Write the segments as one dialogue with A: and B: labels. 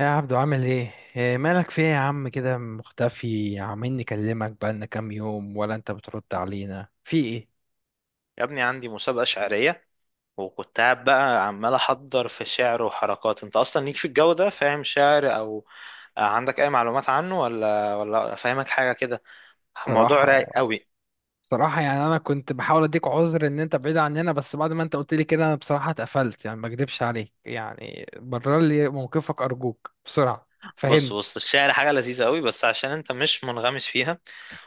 A: يا عبدو، عامل ايه؟ إيه مالك؟ في ايه يا عم؟ كده مختفي، عمالين نكلمك بقالنا كام يوم ولا انت بترد علينا؟ في ايه؟
B: يا ابني، عندي مسابقة شعرية، وكنت قاعد بقى عمال أحضر في شعر وحركات. أنت أصلا ليك في الجو ده، فاهم شعر أو عندك أي معلومات عنه، ولا فاهمك حاجة كده؟ موضوع رايق
A: صراحة.
B: قوي.
A: صراحة، يعني انا كنت بحاول اديك عذر ان انت بعيد عننا، بس بعد ما انت قلت لي كده انا بصراحة اتقفلت، يعني ما اكدبش عليك. يعني برر لي موقفك ارجوك بسرعة.
B: بص
A: فهمني.
B: بص، الشعر حاجة لذيذة قوي، بس عشان أنت مش منغمس فيها.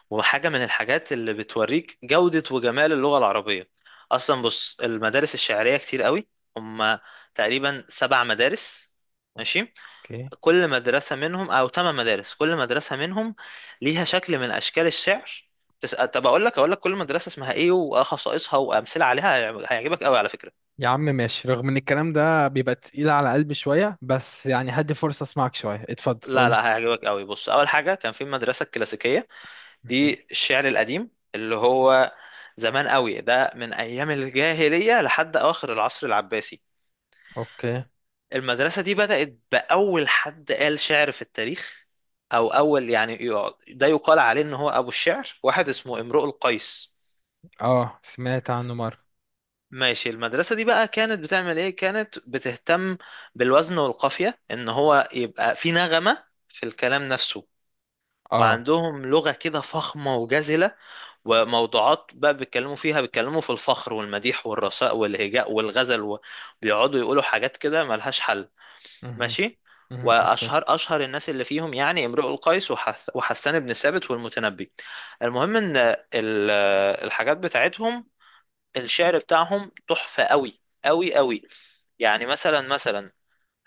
B: وحاجة من الحاجات اللي بتوريك جودة وجمال اللغة العربية. أصلا بص، المدارس الشعرية كتير قوي. هما تقريبا سبع مدارس. ماشي.
A: اوكي.
B: كل مدرسة منهم، أو ثمان مدارس، كل مدرسة منهم ليها شكل من أشكال الشعر. طب أقول لك كل مدرسة اسمها إيه وخصائصها وأمثلة عليها. هيعجبك قوي على فكرة.
A: يا عم ماشي، رغم ان الكلام ده بيبقى تقيل على قلبي شوية، بس يعني هدي فرصة اسمعك شوية. اتفضل
B: لا
A: قولي.
B: لا، هيعجبك قوي. بص، أول حاجة كان في المدرسة الكلاسيكية.
A: مهم.
B: دي الشعر القديم اللي هو زمان قوي، ده من أيام الجاهلية لحد أواخر العصر العباسي.
A: اوكي.
B: المدرسة دي بدأت بأول حد قال شعر في التاريخ، أو أول يعني ده يقال عليه إن هو أبو الشعر، واحد اسمه امرؤ القيس.
A: اه، سمعت عنه مرة.
B: ماشي. المدرسة دي بقى كانت بتعمل ايه؟ كانت بتهتم بالوزن والقافية، ان هو يبقى في نغمة في الكلام نفسه.
A: اه.
B: وعندهم لغة كده فخمة وجزلة. وموضوعات بقى بيتكلموا فيها، بيتكلموا في الفخر والمديح والرثاء والهجاء والغزل، وبيقعدوا يقولوا حاجات كده ملهاش حل.
A: مهم.
B: ماشي.
A: مم، اوكي.
B: واشهر الناس اللي فيهم يعني امرؤ القيس وحسان بن ثابت والمتنبي. المهم ان الحاجات بتاعتهم، الشعر بتاعهم تحفة قوي قوي قوي. يعني مثلا مثلا،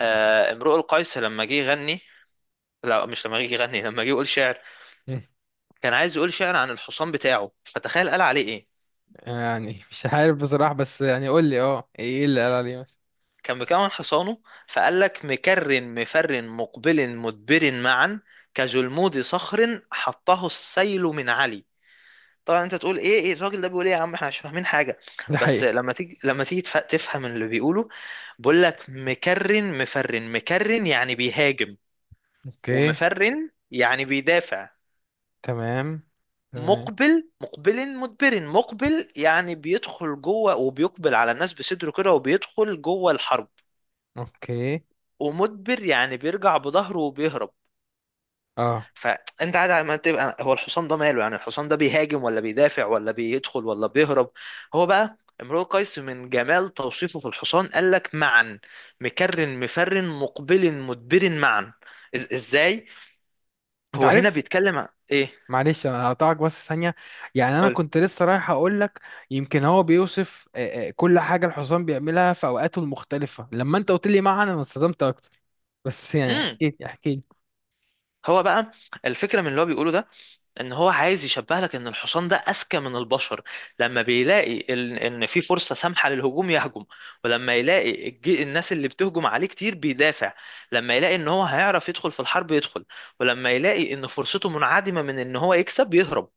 B: امرؤ القيس لما جه يغني، لا مش لما جه يغني، لما جه يقول شعر.
A: مم.
B: كان عايز يقول شعر عن الحصان بتاعه، فتخيل قال عليه ايه.
A: يعني مش عارف بصراحة، بس يعني قول لي ايه اللي قال عليه مثلا.
B: كان مكون حصانه، فقال لك: مكر مفر مقبل مدبر معا، كجلمود صخر حطه السيل من علي. طبعا انت تقول ايه، ايه الراجل ده بيقول ايه، يا عم احنا مش فاهمين حاجه.
A: ده
B: بس
A: حقيقي.
B: لما تيجي تفهم اللي بيقوله. بقول لك: مكرن مفرن مكرن، يعني بيهاجم.
A: اوكي.
B: ومفرن يعني بيدافع.
A: تمام. تمام.
B: مقبل مقبل مدبر، مقبل يعني بيدخل جوه وبيقبل على الناس بصدره كده وبيدخل جوه الحرب.
A: اوكي.
B: ومدبر يعني بيرجع بظهره وبيهرب.
A: اه.
B: فانت قاعد على ما تبقى هو الحصان ده ماله، يعني الحصان ده بيهاجم ولا بيدافع ولا بيدخل ولا بيهرب؟ هو بقى امرؤ قيس من جمال توصيفه في الحصان قال لك معا، مكرن مفرن مقبل مدبر معا. ازاي
A: انت
B: هو هنا
A: عارف.
B: بيتكلم ايه.
A: معلش انا هقطعك بس ثانية. يعني انا
B: قول.
A: كنت لسه رايح اقول لك. يمكن هو بيوصف كل حاجة الحصان بيعملها في اوقاته المختلفة. لما انت قلت لي معنى انا اتصدمت اكتر، بس يعني احكي لي احكي لي.
B: هو بقى، الفكرة من اللي هو بيقوله ده ان هو عايز يشبه لك ان الحصان ده اذكى من البشر. لما بيلاقي ان في فرصة سامحة للهجوم يهجم، ولما يلاقي الناس اللي بتهجم عليه كتير بيدافع. لما يلاقي ان هو هيعرف يدخل في الحرب يدخل، ولما يلاقي ان فرصته منعدمة من ان هو يكسب يهرب.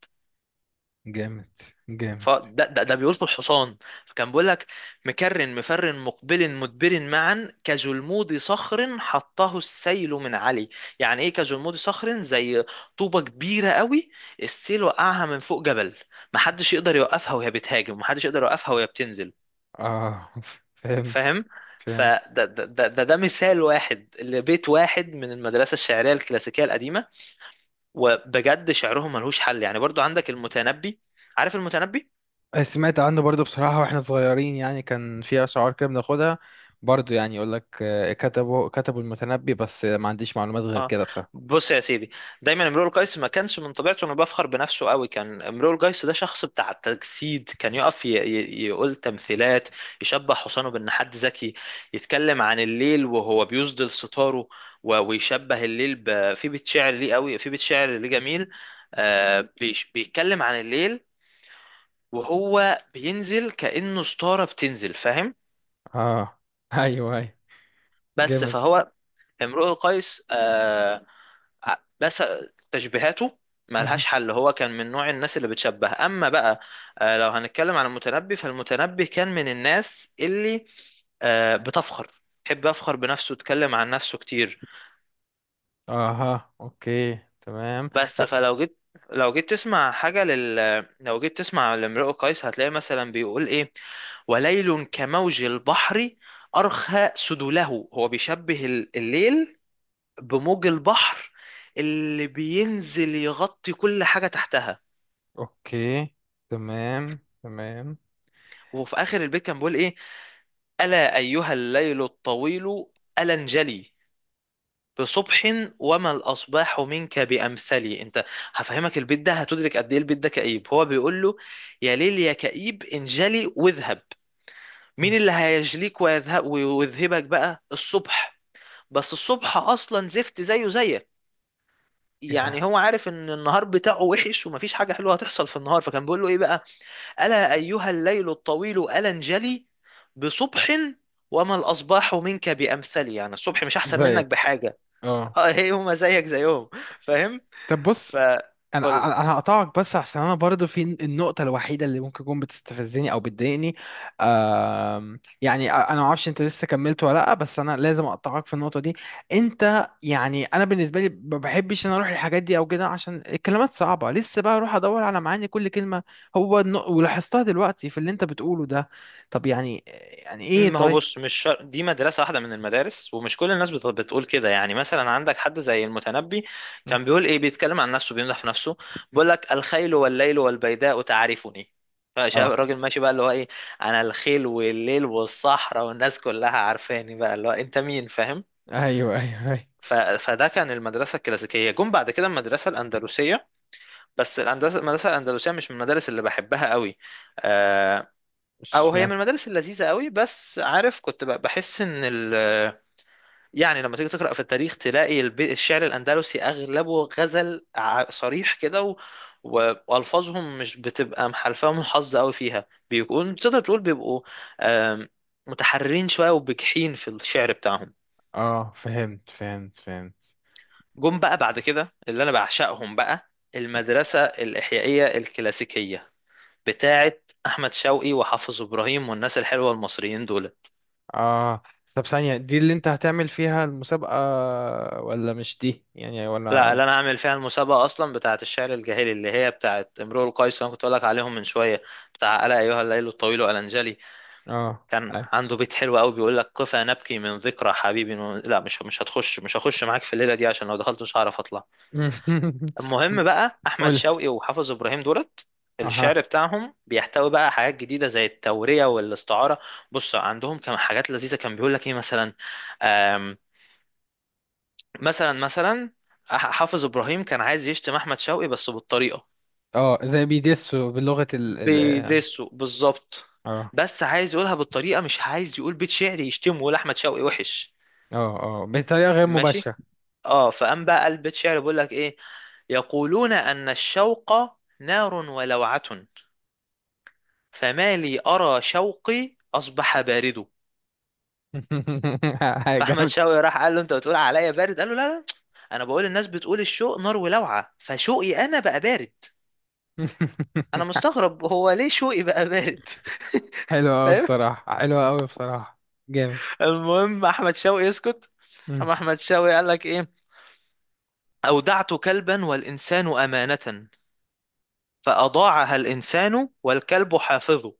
A: جامد. جامد.
B: فده ده بيقول في الحصان. فكان بيقول لك: مكرن مفرن مقبل مدبر معا، كجلمود صخر حطه السيل من علي. يعني ايه كجلمود صخر؟ زي طوبة كبيرة قوي، السيل وقعها من فوق جبل، محدش يقدر يوقفها وهي بتهاجم، محدش يقدر يوقفها وهي بتنزل.
A: اه فهمت.
B: فاهم.
A: فهمت.
B: فده ده مثال واحد لبيت واحد من المدرسة الشعرية الكلاسيكية القديمة. وبجد شعرهم ملهوش حل. يعني برضو عندك المتنبي، عارف المتنبي.
A: آه، سمعت عنه برضو بصراحة. واحنا صغيرين يعني كان في أشعار كده بناخدها. برضو يعني يقول لك، كتبوا المتنبي، بس ما عنديش معلومات غير
B: اه،
A: كده بصراحة.
B: بص يا سيدي، دايما امرؤ القيس ما كانش من طبيعته انه بيفخر بنفسه قوي. كان امرؤ القيس ده شخص بتاع التجسيد، كان يقف يقول تمثيلات، يشبه حسانه بان حد ذكي، يتكلم عن الليل وهو بيسدل ستاره، ويشبه الليل في بيت شعر ليه قوي، في بيت شعر ليه جميل. بيتكلم عن الليل وهو بينزل كأنه ستارة بتنزل. فاهم.
A: اه ايوه، ايوه.
B: بس
A: جامد.
B: فهو، امرؤ القيس، بس تشبيهاته
A: مهم.
B: ملهاش حل، هو كان من نوع الناس اللي بتشبه. اما بقى لو هنتكلم عن المتنبي، فالمتنبي كان من الناس اللي بتفخر، يحب يفخر بنفسه، يتكلم عن نفسه كتير.
A: اها، اوكي، تمام.
B: بس
A: لا.
B: فلو جيت، لو جيت تسمع لامرؤ قيس، هتلاقي مثلا بيقول ايه: وليل كموج البحر أرخى سدوله. هو بيشبه الليل بموج البحر اللي بينزل يغطي كل حاجة تحتها.
A: اوكي. تمام، تمام.
B: وفي اخر البيت كان بيقول ايه: الا ايها الليل الطويل الا انجلي بصبح، وما الاصباح منك بامثلي. انت هفهمك البيت ده هتدرك قد ايه البيت ده كئيب. هو بيقول له: يا ليل يا كئيب انجلي واذهب. مين
A: مم.
B: اللي هيجليك ويذهب ويذهبك بقى؟ الصبح. بس الصبح اصلا زفت زيه زيك،
A: ايه ده؟
B: يعني هو عارف ان النهار بتاعه وحش ومفيش حاجه حلوه هتحصل في النهار. فكان بيقول له ايه بقى: ألا أيها الليل الطويل ألا انجلي بصبح، وما الأصباح منك بأمثلي. يعني الصبح مش أحسن منك
A: زيك.
B: بحاجة.
A: اه.
B: اه، هي هما زيك زيهم. فاهم.
A: طب بص،
B: فقول
A: انا
B: لي.
A: انا أنا هقطعك بس، عشان انا برضو في النقطه الوحيده اللي ممكن تكون بتستفزني او بتضايقني. يعني انا ما اعرفش انت لسه كملت ولا لا، بس انا لازم اقطعك في النقطه دي. انت يعني انا بالنسبه لي ما بحبش ان اروح الحاجات دي او كده، عشان الكلمات صعبه، لسه بقى اروح ادور على معاني كل كلمه. ولاحظتها دلوقتي في اللي انت بتقوله ده. طب يعني، يعني ايه
B: ما هو
A: طيب؟
B: بص، مش شر... دي مدرسة واحدة من المدارس، ومش كل الناس بتقول كده. يعني مثلا عندك حد زي المتنبي، كان بيقول ايه، بيتكلم عن نفسه، بيمدح في نفسه، بيقول لك: الخيل والليل والبيداء تعرفني. فشاف
A: اه،
B: الراجل ماشي بقى اللي هو ايه، انا الخيل والليل والصحراء والناس كلها عارفاني، بقى اللي هو انت مين. فاهم.
A: ايوه، ايوه، ايوه.
B: فده كان المدرسة الكلاسيكية. جم بعد كده المدرسة الأندلسية، بس الأندلسة، المدرسة الأندلسية مش من المدارس اللي بحبها قوي. آه، أو هي من
A: اشمعنى؟
B: المدارس اللذيذة قوي، بس عارف كنت بحس إن يعني لما تيجي تقرأ في التاريخ تلاقي الشعر الأندلسي أغلبه غزل صريح كده، وألفاظهم مش بتبقى محلفاهم حظ قوي فيها، بيكون تقدر تقول بيبقوا آم، متحررين شوية وبجحين في الشعر بتاعهم.
A: اه، فهمت، فهمت، فهمت.
B: جم بقى بعد كده اللي انا بعشقهم، بقى المدرسة الإحيائية الكلاسيكية بتاعة أحمد شوقي وحافظ إبراهيم والناس الحلوة المصريين دول.
A: اه، طب ثانية، دي اللي انت هتعمل فيها المسابقة ولا مش دي يعني،
B: لا،
A: ولا؟
B: اللي انا هعمل فيها المسابقة اصلا بتاعة الشعر الجاهلي، اللي هي بتاعة امرؤ القيس اللي انا كنت اقول لك عليهم من شوية، بتاع ألا ايها الليل الطويل ألنجلي.
A: اه.
B: كان
A: أي.
B: عنده بيت حلو قوي بيقول لك: قفا نبكي من ذكرى حبيبي لا، مش هخش معاك في الليلة دي، عشان لو دخلت مش هعرف اطلع. المهم بقى احمد
A: قولي.
B: شوقي وحافظ ابراهيم دولت،
A: اها.
B: الشعر بتاعهم بيحتوي بقى حاجات جديده زي التوريه والاستعاره. بص عندهم كان حاجات لذيذه، كان بيقول لك ايه مثلا، آم، مثلا مثلا، حافظ ابراهيم كان عايز يشتم احمد شوقي بس بالطريقه،
A: اه، زي بيدسوا بلغة ال ال اه
B: بيدسه بالظبط،
A: اه.
B: بس عايز يقولها بالطريقه، مش عايز يقول بيت شعر يشتمه يقول احمد شوقي وحش.
A: اه. آه، بطريقة غير
B: ماشي.
A: مباشرة.
B: اه، فقام بقى قال بيت شعر بيقول لك ايه: يقولون ان الشوق نار ولوعه، فما لي أرى شوقي أصبح بارده. فأحمد
A: جامد.
B: شوقي راح قال له: أنت بتقول عليا بارد؟ قال له: لا لا، أنا بقول الناس بتقول الشوق نار ولوعة، فشوقي أنا بقى بارد، أنا مستغرب هو ليه شوقي بقى بارد.
A: حلوة أوي
B: فاهم.
A: بصراحة، حلوة أوي بصراحة. جامد.
B: المهم أحمد شوقي يسكت.
A: مم.
B: أما أحمد شوقي قال لك إيه: أودعت كلبا والإنسان أمانة، فأضاعها الإنسان والكلب حافظ.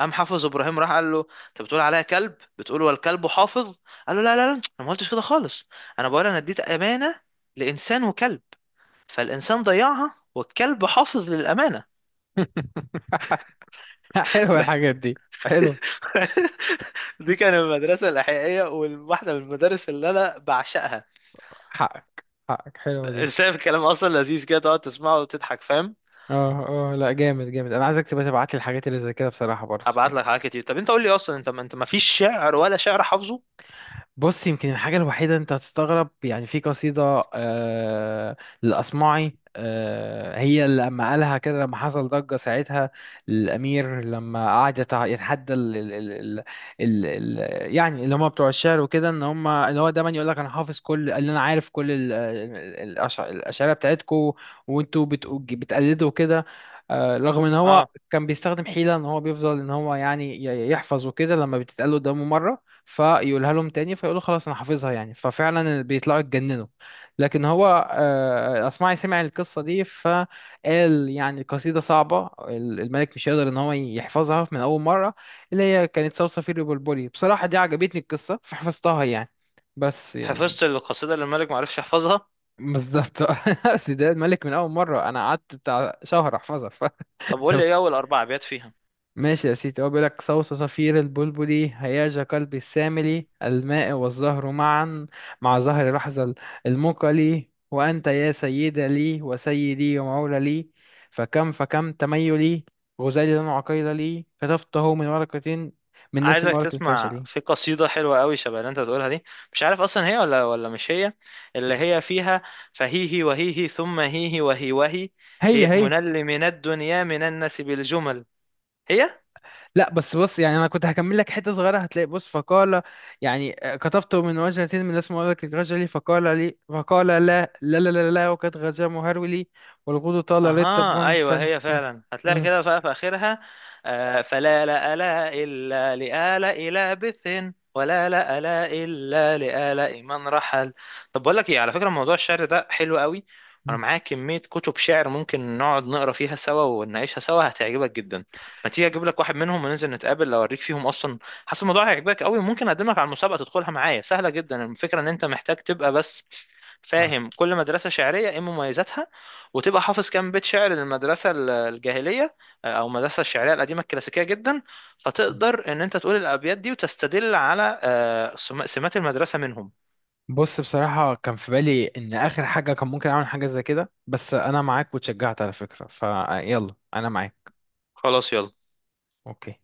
B: قام حافظ ابراهيم راح قال له: انت بتقول عليا كلب، بتقول والكلب حافظ؟ قال له: لا لا لا، انا ما قلتش كده خالص، انا بقول انا اديت امانه لانسان وكلب، فالانسان ضيعها والكلب حافظ للامانه.
A: حلوة الحاجات دي، حلوة.
B: دي كانت المدرسة الإحيائية، وواحدة من المدارس اللي أنا بعشقها.
A: حقك. حقك، حلوة دي.
B: شايف الكلام أصلا لذيذ كده، تقعد تسمعه وتضحك. فاهم.
A: اه، اه، لا، جامد، جامد، انا عايزك تبقى تبعت لي الحاجات اللي زي كده بصراحة برضه
B: هبعت
A: يعني.
B: لك حاجات كتير. طب أنت قول لي أصلا، أنت ما أنت ما فيش شعر، ولا شعر حافظه؟
A: بص، يمكن الحاجة الوحيدة انت هتستغرب، يعني في قصيدة للأصمعي. هي اللي لما قالها كده لما حصل ضجة ساعتها. الأمير لما قعد يتحدى ال ال ال ال ال ال يعني اللي هم بتوع الشعر وكده، ان هم اللي هو دايما يقول لك انا حافظ كل اللي انا عارف، كل الأشعرية بتاعتكم، وانتوا بتقلدوا كده. رغم ان هو
B: اه،
A: كان بيستخدم حيلة، ان هو بيفضل ان هو يعني يحفظ وكده، لما بتتقال قدامه مرة فيقولها لهم تاني فيقولوا خلاص انا حافظها، يعني ففعلا بيطلعوا يتجننوا. لكن هو اصمعي سمع القصه دي، فقال يعني القصيده صعبه، الملك مش هيقدر ان هو يحفظها من اول مره، اللي هي كانت صرصفير وبلبلي. بصراحه دي عجبتني القصه فحفظتها يعني، بس يعني.
B: حفظت القصيدة اللي الملك ما عرفش يحفظها؟
A: بالظبط. أصل ده الملك من اول مره، انا قعدت بتاع شهر احفظها ف.
B: طب قول لي إيه أول أربع أبيات فيها.
A: ماشي يا سيدي، هو بيقولك: صوت صفير البلبل هياج قلبي السامل، الماء والزهر معا، مع زهر لحظة المقل، وأنت يا سيد لي وسيدي، ومولى لي، فكم فكم تميلي، غزالي لن عقيل لي، كتفته من ورقة، من نسم
B: عايزك
A: ورق
B: تسمع
A: الفشل.
B: في قصيدة حلوة قوي شبه اللي انت بتقولها دي، مش عارف اصلا هي ولا مش هي، اللي هي فيها: فهيهي وهيهي ثم هيهي وهي وهي،
A: هي
B: هي
A: هي.
B: منل من الدنيا من الناس بالجمل هي.
A: لا، بس بص، يعني انا كنت هكمل لك حته صغيره، هتلاقي بص فقال، يعني كتبته من وجهة، من اسم ولدك الرجل، فقال لي فقال: لا لا لا لا, لا وقد غزا مهرولي، والغدو طال
B: اها،
A: رتب
B: ايوه
A: فل.
B: هي
A: مم،
B: فعلا، هتلاقي
A: مم،
B: كده بقى في اخرها: فلا لا لا الا لآلاء لابث، ولا لا لا الا لآلاء من رحل. طب بقول لك ايه، على فكره موضوع الشعر ده حلو قوي، وانا
A: مم.
B: معايا كميه كتب شعر ممكن نقعد نقرا فيها سوا ونعيشها سوا، هتعجبك جدا. ما تيجي اجيب لك واحد منهم وننزل نتقابل اوريك فيهم اصلا. حاسس الموضوع هيعجبك قوي، ممكن اقدمك على المسابقه تدخلها معايا، سهله جدا، الفكره ان انت محتاج تبقى بس
A: آه.
B: فاهم كل مدرسه شعريه ايه مميزاتها، وتبقى حافظ كام بيت شعر للمدرسة الجاهلية، أو المدرسة الشعرية القديمة الكلاسيكية جدا، فتقدر إن أنت تقول الأبيات دي وتستدل على سمات المدرسة منهم.
A: بص، بصراحه كان في بالي ان اخر حاجه كان ممكن اعمل حاجه زي كده، بس انا معاك، وتشجعت على فكره، فيلا انا معاك.
B: خلاص يلا.
A: اوكي.